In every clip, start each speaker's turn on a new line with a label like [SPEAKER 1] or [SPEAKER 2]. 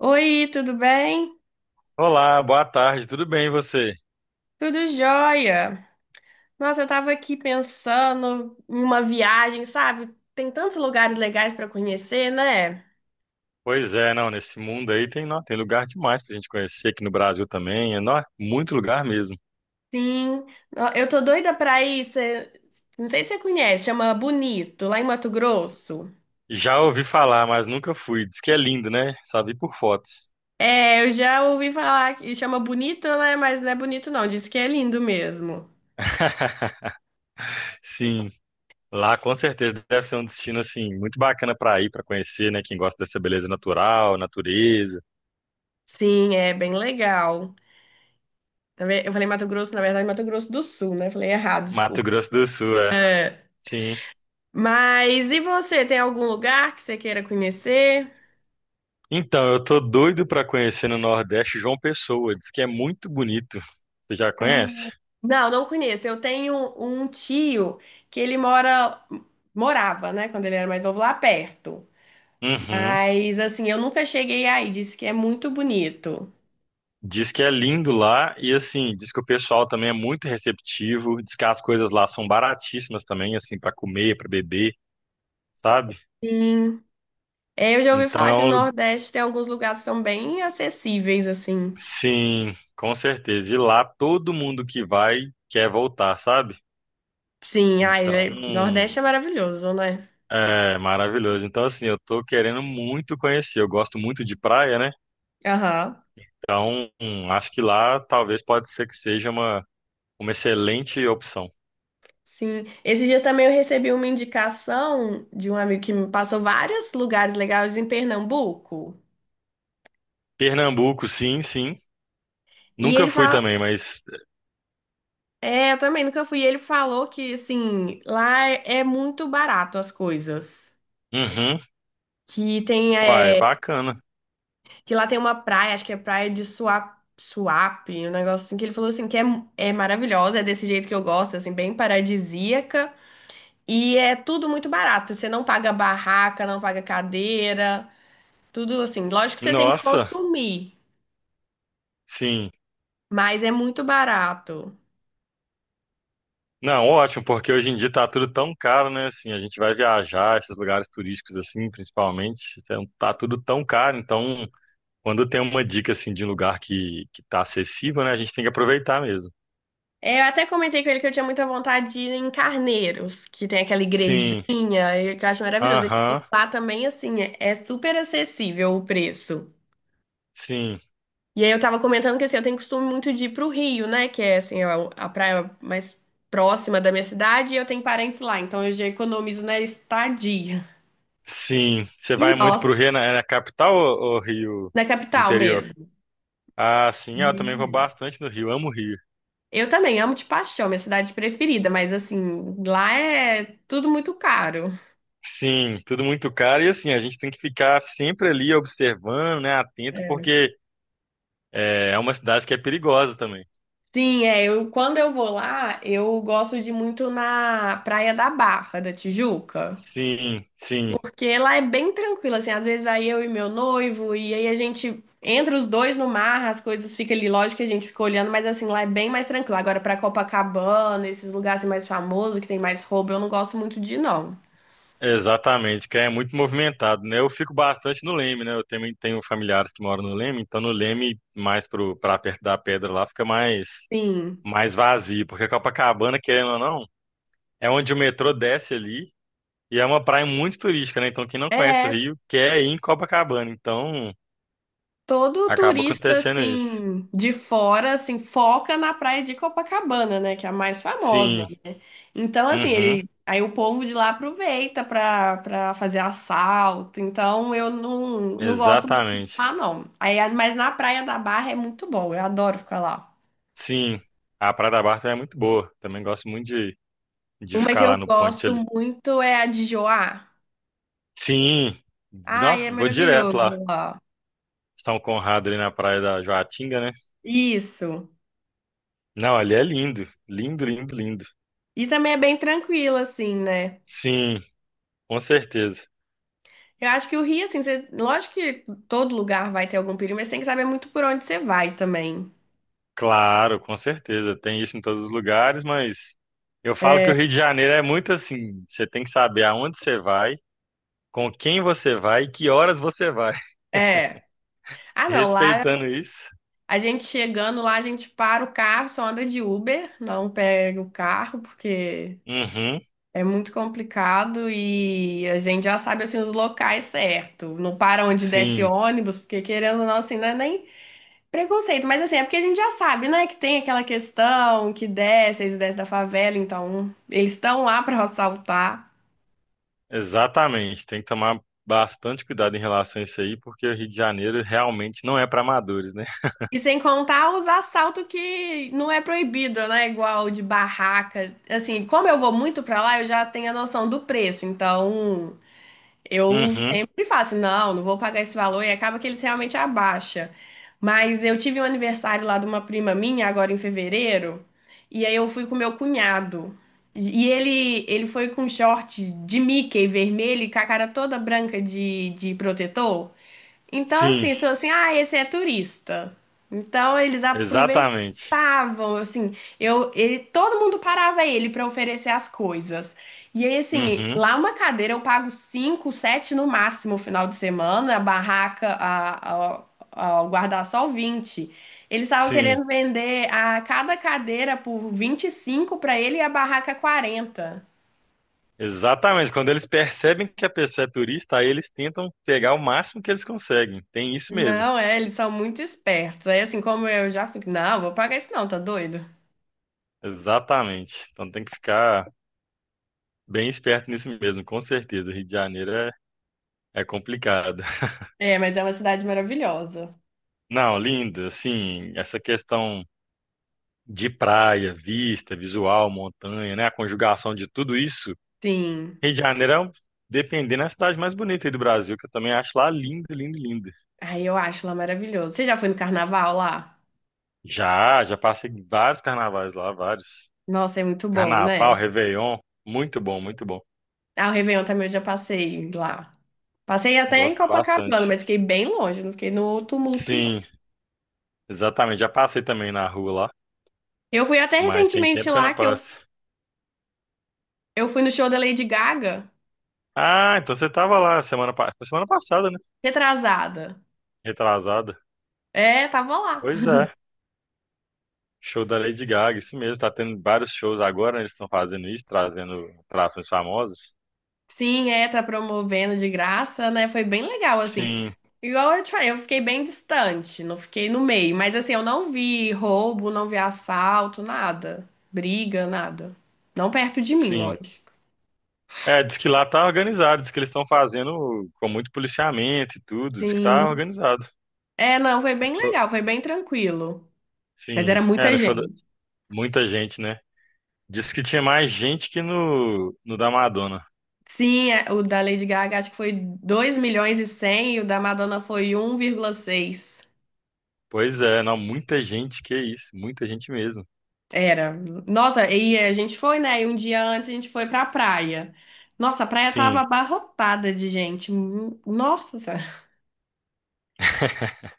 [SPEAKER 1] Oi, tudo bem?
[SPEAKER 2] Olá, boa tarde, tudo bem e você?
[SPEAKER 1] Tudo jóia. Nossa, eu tava aqui pensando em uma viagem, sabe? Tem tantos lugares legais pra conhecer, né?
[SPEAKER 2] Pois é, não, nesse mundo aí tem, nó, tem lugar demais pra gente conhecer aqui no Brasil também, é, nó, muito lugar mesmo.
[SPEAKER 1] Sim. Ó, eu tô doida pra ir. Não sei se você conhece, chama Bonito, lá em Mato Grosso.
[SPEAKER 2] Já ouvi falar, mas nunca fui. Diz que é lindo, né? Só vi por fotos.
[SPEAKER 1] É, eu já ouvi falar que chama Bonito, né? Mas não é bonito, não. Diz que é lindo mesmo.
[SPEAKER 2] Sim, lá com certeza deve ser um destino assim muito bacana pra ir, pra conhecer, né, quem gosta dessa beleza natural, natureza.
[SPEAKER 1] Sim, é bem legal. Eu falei Mato Grosso, na verdade, Mato Grosso do Sul, né? Falei errado.
[SPEAKER 2] Mato Grosso do Sul, é. Sim.
[SPEAKER 1] Mas e você, tem algum lugar que você queira conhecer?
[SPEAKER 2] Então, eu tô doido pra conhecer no Nordeste João Pessoa, diz que é muito bonito. Você já
[SPEAKER 1] Ah,
[SPEAKER 2] conhece?
[SPEAKER 1] não, não conheço. Eu tenho um tio que ele mora, morava, né, quando ele era mais novo, lá perto.
[SPEAKER 2] Uhum.
[SPEAKER 1] Mas assim, eu nunca cheguei aí, disse que é muito bonito.
[SPEAKER 2] Diz que é lindo lá e assim, diz que o pessoal também é muito receptivo, diz que as coisas lá são baratíssimas também, assim, para comer, para beber, sabe?
[SPEAKER 1] Sim. É, eu já ouvi
[SPEAKER 2] Então é
[SPEAKER 1] falar que no
[SPEAKER 2] um,
[SPEAKER 1] Nordeste tem alguns lugares que são bem acessíveis, assim.
[SPEAKER 2] sim, com certeza. E lá todo mundo que vai quer voltar, sabe?
[SPEAKER 1] Sim, ai,
[SPEAKER 2] Então,
[SPEAKER 1] Nordeste é maravilhoso, né?
[SPEAKER 2] é maravilhoso. Então, assim, eu tô querendo muito conhecer. Eu gosto muito de praia, né?
[SPEAKER 1] Aham.
[SPEAKER 2] Então, acho que lá talvez pode ser que seja uma excelente opção.
[SPEAKER 1] Sim, esses dias também eu recebi uma indicação de um amigo que me passou vários lugares legais em Pernambuco.
[SPEAKER 2] Pernambuco, sim, sim.
[SPEAKER 1] E
[SPEAKER 2] Nunca
[SPEAKER 1] ele
[SPEAKER 2] fui
[SPEAKER 1] fala,
[SPEAKER 2] também, mas
[SPEAKER 1] é, eu também nunca fui. E ele falou que assim, lá é muito barato as coisas.
[SPEAKER 2] uhum.
[SPEAKER 1] Que tem
[SPEAKER 2] Uai,
[SPEAKER 1] é,
[SPEAKER 2] bacana.
[SPEAKER 1] que lá tem uma praia, acho que é praia de Suape, Suape, um negócio assim que ele falou assim que é, é maravilhosa, é desse jeito que eu gosto, assim, bem paradisíaca. E é tudo muito barato. Você não paga barraca, não paga cadeira, tudo assim. Lógico que você tem que
[SPEAKER 2] Nossa,
[SPEAKER 1] consumir.
[SPEAKER 2] sim.
[SPEAKER 1] Mas é muito barato.
[SPEAKER 2] Não, ótimo, porque hoje em dia tá tudo tão caro, né? Assim, a gente vai viajar, esses lugares turísticos, assim, principalmente, então, tá tudo tão caro. Então, quando tem uma dica, assim, de um lugar que tá acessível, né? A gente tem que aproveitar mesmo.
[SPEAKER 1] É, eu até comentei com ele que eu tinha muita vontade de ir em Carneiros, que tem aquela
[SPEAKER 2] Sim,
[SPEAKER 1] igrejinha, e que eu acho maravilhoso. Ele falou que
[SPEAKER 2] aham,
[SPEAKER 1] lá também, assim, é super acessível o preço.
[SPEAKER 2] sim,
[SPEAKER 1] E aí eu tava comentando que, assim, eu tenho costume muito de ir pro Rio, né? Que é, assim, a praia mais próxima da minha cidade, e eu tenho parentes lá, então eu já economizo na estadia.
[SPEAKER 2] sim. Você
[SPEAKER 1] E
[SPEAKER 2] vai muito pro
[SPEAKER 1] nós,
[SPEAKER 2] Rio, é na capital ou Rio
[SPEAKER 1] na capital
[SPEAKER 2] interior?
[SPEAKER 1] mesmo.
[SPEAKER 2] Ah, sim, ah, eu também vou bastante no Rio, amo o Rio.
[SPEAKER 1] Eu também amo de paixão, minha cidade preferida, mas, assim, lá é tudo muito caro.
[SPEAKER 2] Sim, tudo muito caro. E assim, a gente tem que ficar sempre ali observando, né, atento, porque é uma cidade que é perigosa também.
[SPEAKER 1] Sim, é, eu quando eu vou lá, eu gosto de ir muito na Praia da Barra da Tijuca,
[SPEAKER 2] Sim, sim,
[SPEAKER 1] porque lá é bem tranquilo, assim, às vezes vai eu e meu noivo e aí a gente entra os dois no mar, as coisas ficam ali, lógico que a gente fica olhando, mas assim, lá é bem mais tranquilo. Agora pra Copacabana, esses lugares assim, mais famosos, que tem mais roubo, eu não gosto muito de ir, não.
[SPEAKER 2] exatamente, que é muito movimentado, né? Eu fico bastante no Leme, né? Eu também tenho familiares que moram no Leme, então no Leme, mais pra perto da pedra lá, fica mais,
[SPEAKER 1] Sim.
[SPEAKER 2] mais vazio, porque Copacabana, querendo ou não, é onde o metrô desce ali e é uma praia muito turística, né? Então quem não conhece o
[SPEAKER 1] É,
[SPEAKER 2] Rio quer ir em Copacabana, então
[SPEAKER 1] todo
[SPEAKER 2] acaba
[SPEAKER 1] turista
[SPEAKER 2] acontecendo isso.
[SPEAKER 1] assim de fora assim foca na praia de Copacabana, né, que é a mais famosa.
[SPEAKER 2] Sim.
[SPEAKER 1] Então, assim,
[SPEAKER 2] Uhum,
[SPEAKER 1] ele, aí o povo de lá aproveita pra para fazer assalto. Então, eu não, não gosto muito de
[SPEAKER 2] exatamente.
[SPEAKER 1] lá, não. Aí, mas na Praia da Barra é muito bom, eu adoro ficar lá.
[SPEAKER 2] Sim, a Praia da Barra também é muito boa. Também gosto muito de
[SPEAKER 1] Uma que
[SPEAKER 2] ficar
[SPEAKER 1] eu
[SPEAKER 2] lá no ponte
[SPEAKER 1] gosto
[SPEAKER 2] ali.
[SPEAKER 1] muito é a de Joá.
[SPEAKER 2] Sim, nó,
[SPEAKER 1] Ai, é
[SPEAKER 2] vou direto
[SPEAKER 1] maravilhoso
[SPEAKER 2] lá.
[SPEAKER 1] lá.
[SPEAKER 2] São Conrado ali na Praia da Joatinga, né?
[SPEAKER 1] Isso.
[SPEAKER 2] Não, ali é lindo. Lindo, lindo, lindo.
[SPEAKER 1] E também é bem tranquilo, assim, né?
[SPEAKER 2] Sim, com certeza.
[SPEAKER 1] Eu acho que o Rio, assim, lógico que todo lugar vai ter algum perigo, mas você tem que saber muito por onde você vai também.
[SPEAKER 2] Claro, com certeza. Tem isso em todos os lugares, mas eu falo que o Rio de Janeiro é muito assim. Você tem que saber aonde você vai, com quem você vai e que horas você vai.
[SPEAKER 1] É. Ah, não, lá
[SPEAKER 2] Respeitando isso.
[SPEAKER 1] a gente chegando lá, a gente para o carro, só anda de Uber, não pega o carro, porque
[SPEAKER 2] Uhum.
[SPEAKER 1] é muito complicado e a gente já sabe assim os locais certo. Não para onde desce
[SPEAKER 2] Sim,
[SPEAKER 1] ônibus, porque querendo ou não, assim, não é nem preconceito, mas assim, é porque a gente já sabe, né, que tem aquela questão que desce, eles descem da favela, então eles estão lá para assaltar.
[SPEAKER 2] exatamente, tem que tomar bastante cuidado em relação a isso aí, porque o Rio de Janeiro realmente não é para amadores, né?
[SPEAKER 1] E sem contar os assaltos que não é proibido, né? Igual de barraca. Assim, como eu vou muito pra lá, eu já tenho a noção do preço. Então, eu
[SPEAKER 2] Uhum,
[SPEAKER 1] sempre faço, não, não vou pagar esse valor e acaba que eles realmente abaixam. Mas eu tive um aniversário lá de uma prima minha, agora em fevereiro, e aí eu fui com meu cunhado. E ele foi com short de Mickey vermelho e com a cara toda branca de protetor. Então,
[SPEAKER 2] sim,
[SPEAKER 1] assim, falou assim, ah, esse é turista. Então, eles
[SPEAKER 2] exatamente.
[SPEAKER 1] aproveitavam, assim, eu, ele, todo mundo parava ele para oferecer as coisas. E aí, assim,
[SPEAKER 2] Uhum,
[SPEAKER 1] lá uma cadeira eu pago 5 7 no máximo, final de semana, a barraca, o guarda-sol 20. Eles estavam
[SPEAKER 2] sim,
[SPEAKER 1] querendo vender a cada cadeira por 25 para ele e a barraca 40.
[SPEAKER 2] exatamente. Quando eles percebem que a pessoa é turista, aí eles tentam pegar o máximo que eles conseguem. Tem isso mesmo,
[SPEAKER 1] Não, é, eles são muito espertos. Aí, assim, como eu já fico, não, vou pagar isso não, tá doido?
[SPEAKER 2] exatamente. Então tem que ficar bem esperto nisso mesmo, com certeza. O Rio de Janeiro é complicado.
[SPEAKER 1] É, mas é uma cidade maravilhosa.
[SPEAKER 2] Não, lindo, assim, essa questão de praia, vista, visual, montanha, né? A conjugação de tudo isso.
[SPEAKER 1] Sim.
[SPEAKER 2] Rio de Janeiro é, um- Dependendo, é a cidade mais bonita aí do Brasil, que eu também acho lá linda, linda, linda.
[SPEAKER 1] Ai, eu acho lá maravilhoso. Você já foi no carnaval lá?
[SPEAKER 2] Já, já passei vários carnavais lá, vários.
[SPEAKER 1] Nossa, é muito bom,
[SPEAKER 2] Carnaval,
[SPEAKER 1] né?
[SPEAKER 2] Réveillon, muito bom, muito bom.
[SPEAKER 1] Ah, o Réveillon também eu já passei lá. Passei até em
[SPEAKER 2] Gosto
[SPEAKER 1] Copacabana,
[SPEAKER 2] bastante.
[SPEAKER 1] mas fiquei bem longe, não fiquei no tumulto, não.
[SPEAKER 2] Sim, exatamente. Já passei também na rua lá,
[SPEAKER 1] Eu fui até
[SPEAKER 2] mas tem
[SPEAKER 1] recentemente
[SPEAKER 2] tempo que eu
[SPEAKER 1] lá,
[SPEAKER 2] não
[SPEAKER 1] que
[SPEAKER 2] passo.
[SPEAKER 1] eu fui no show da Lady Gaga,
[SPEAKER 2] Ah, então você tava lá semana passada, né?
[SPEAKER 1] retrasada.
[SPEAKER 2] Retrasada.
[SPEAKER 1] É, tava lá.
[SPEAKER 2] Pois é. Show da Lady Gaga, isso mesmo, tá tendo vários shows agora, né, eles estão fazendo isso, trazendo atrações famosas.
[SPEAKER 1] Sim, é, tá promovendo de graça, né? Foi bem legal, assim.
[SPEAKER 2] Sim,
[SPEAKER 1] Igual eu te falei, eu fiquei bem distante, não fiquei no meio. Mas assim, eu não vi roubo, não vi assalto, nada. Briga, nada. Não perto de mim,
[SPEAKER 2] sim.
[SPEAKER 1] lógico.
[SPEAKER 2] É, diz que lá tá organizado, diz que eles estão fazendo com muito policiamento e tudo, diz que tá
[SPEAKER 1] Sim.
[SPEAKER 2] organizado.
[SPEAKER 1] É, não, foi bem
[SPEAKER 2] Show-
[SPEAKER 1] legal, foi bem tranquilo. Mas
[SPEAKER 2] Sim,
[SPEAKER 1] era
[SPEAKER 2] é,
[SPEAKER 1] muita
[SPEAKER 2] no show da...
[SPEAKER 1] gente.
[SPEAKER 2] muita gente, né? Diz que tinha mais gente que no da Madonna.
[SPEAKER 1] Sim, é, o da Lady Gaga acho que foi 2,1 milhões e o da Madonna foi 1,6.
[SPEAKER 2] Pois é, não, muita gente, que isso, muita gente mesmo.
[SPEAKER 1] Era. Nossa, e a gente foi, né? E um dia antes a gente foi pra praia. Nossa, a praia tava
[SPEAKER 2] Sim,
[SPEAKER 1] abarrotada de gente. Nossa,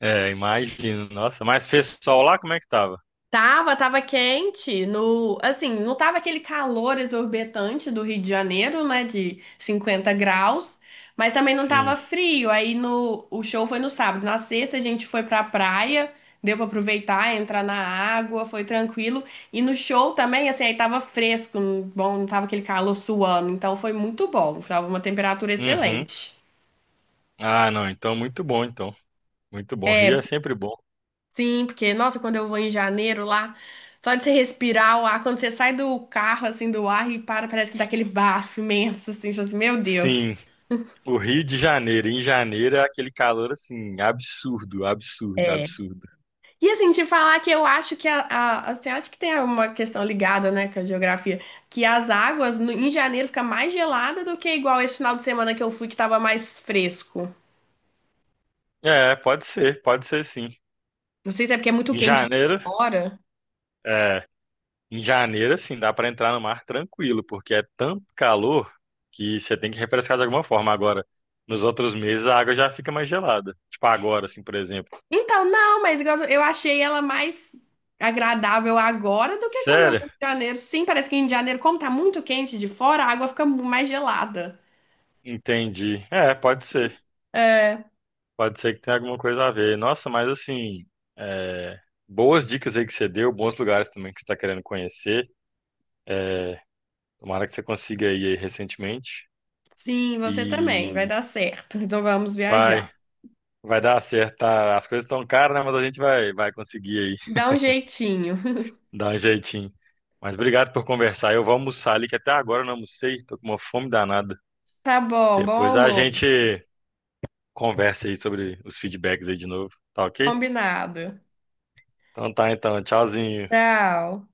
[SPEAKER 2] é, imagino, nossa, mas fez sol lá, como é que tava?
[SPEAKER 1] tava, tava quente, no, assim, não tava aquele calor exorbitante do Rio de Janeiro, né, de 50 graus, mas também não tava
[SPEAKER 2] Sim,
[SPEAKER 1] frio. Aí no, o show foi no sábado. Na sexta a gente foi pra praia, deu pra aproveitar, entrar na água, foi tranquilo. E no show também, assim, aí tava fresco, bom, não tava aquele calor suando, então foi muito bom. Tava uma temperatura
[SPEAKER 2] uhum.
[SPEAKER 1] excelente.
[SPEAKER 2] Ah, não, então muito bom, então. Muito bom. Rio é sempre bom.
[SPEAKER 1] Sim, porque, nossa, quando eu vou em janeiro lá, só de você respirar o ar, quando você sai do carro, assim, do ar e para, parece que dá aquele bafo imenso, assim, tipo assim, meu Deus.
[SPEAKER 2] Sim, o Rio de Janeiro. Em janeiro é aquele calor assim, absurdo, absurdo, absurdo.
[SPEAKER 1] E assim, te falar que eu acho que assim, acho que tem uma questão ligada, né, com a geografia, que as águas em janeiro fica mais gelada do que igual esse final de semana que eu fui, que tava mais fresco.
[SPEAKER 2] É, pode ser sim.
[SPEAKER 1] Não sei se é porque é muito
[SPEAKER 2] Em
[SPEAKER 1] quente de
[SPEAKER 2] janeiro,
[SPEAKER 1] fora.
[SPEAKER 2] é, em janeiro assim, dá pra entrar no mar tranquilo, porque é tanto calor que você tem que refrescar de alguma forma. Agora, nos outros meses a água já fica mais gelada. Tipo agora, assim, por exemplo.
[SPEAKER 1] Então, não, mas igual eu achei ela mais agradável agora do que quando eu
[SPEAKER 2] Sério?
[SPEAKER 1] fui em janeiro. Sim, parece que em janeiro, como tá muito quente de fora, a água fica mais gelada.
[SPEAKER 2] Entendi. É, pode ser.
[SPEAKER 1] É,
[SPEAKER 2] Pode ser que tenha alguma coisa a ver. Nossa, mas assim, é, boas dicas aí que você deu, bons lugares também que você está querendo conhecer. É, tomara que você consiga ir aí recentemente.
[SPEAKER 1] sim, você também, vai
[SPEAKER 2] E
[SPEAKER 1] dar certo. Então vamos
[SPEAKER 2] vai,
[SPEAKER 1] viajar.
[SPEAKER 2] vai dar certo. Tá? As coisas estão caras, né? Mas a gente vai conseguir aí
[SPEAKER 1] Dá um jeitinho.
[SPEAKER 2] dar um jeitinho. Mas obrigado por conversar. Eu vou almoçar ali, que até agora eu não almocei, tô com uma fome danada.
[SPEAKER 1] Tá bom, bom
[SPEAKER 2] Depois a
[SPEAKER 1] amor.
[SPEAKER 2] gente conversa aí sobre os feedbacks aí de novo, tá ok?
[SPEAKER 1] Combinado.
[SPEAKER 2] Então tá, então, tchauzinho.
[SPEAKER 1] Tchau.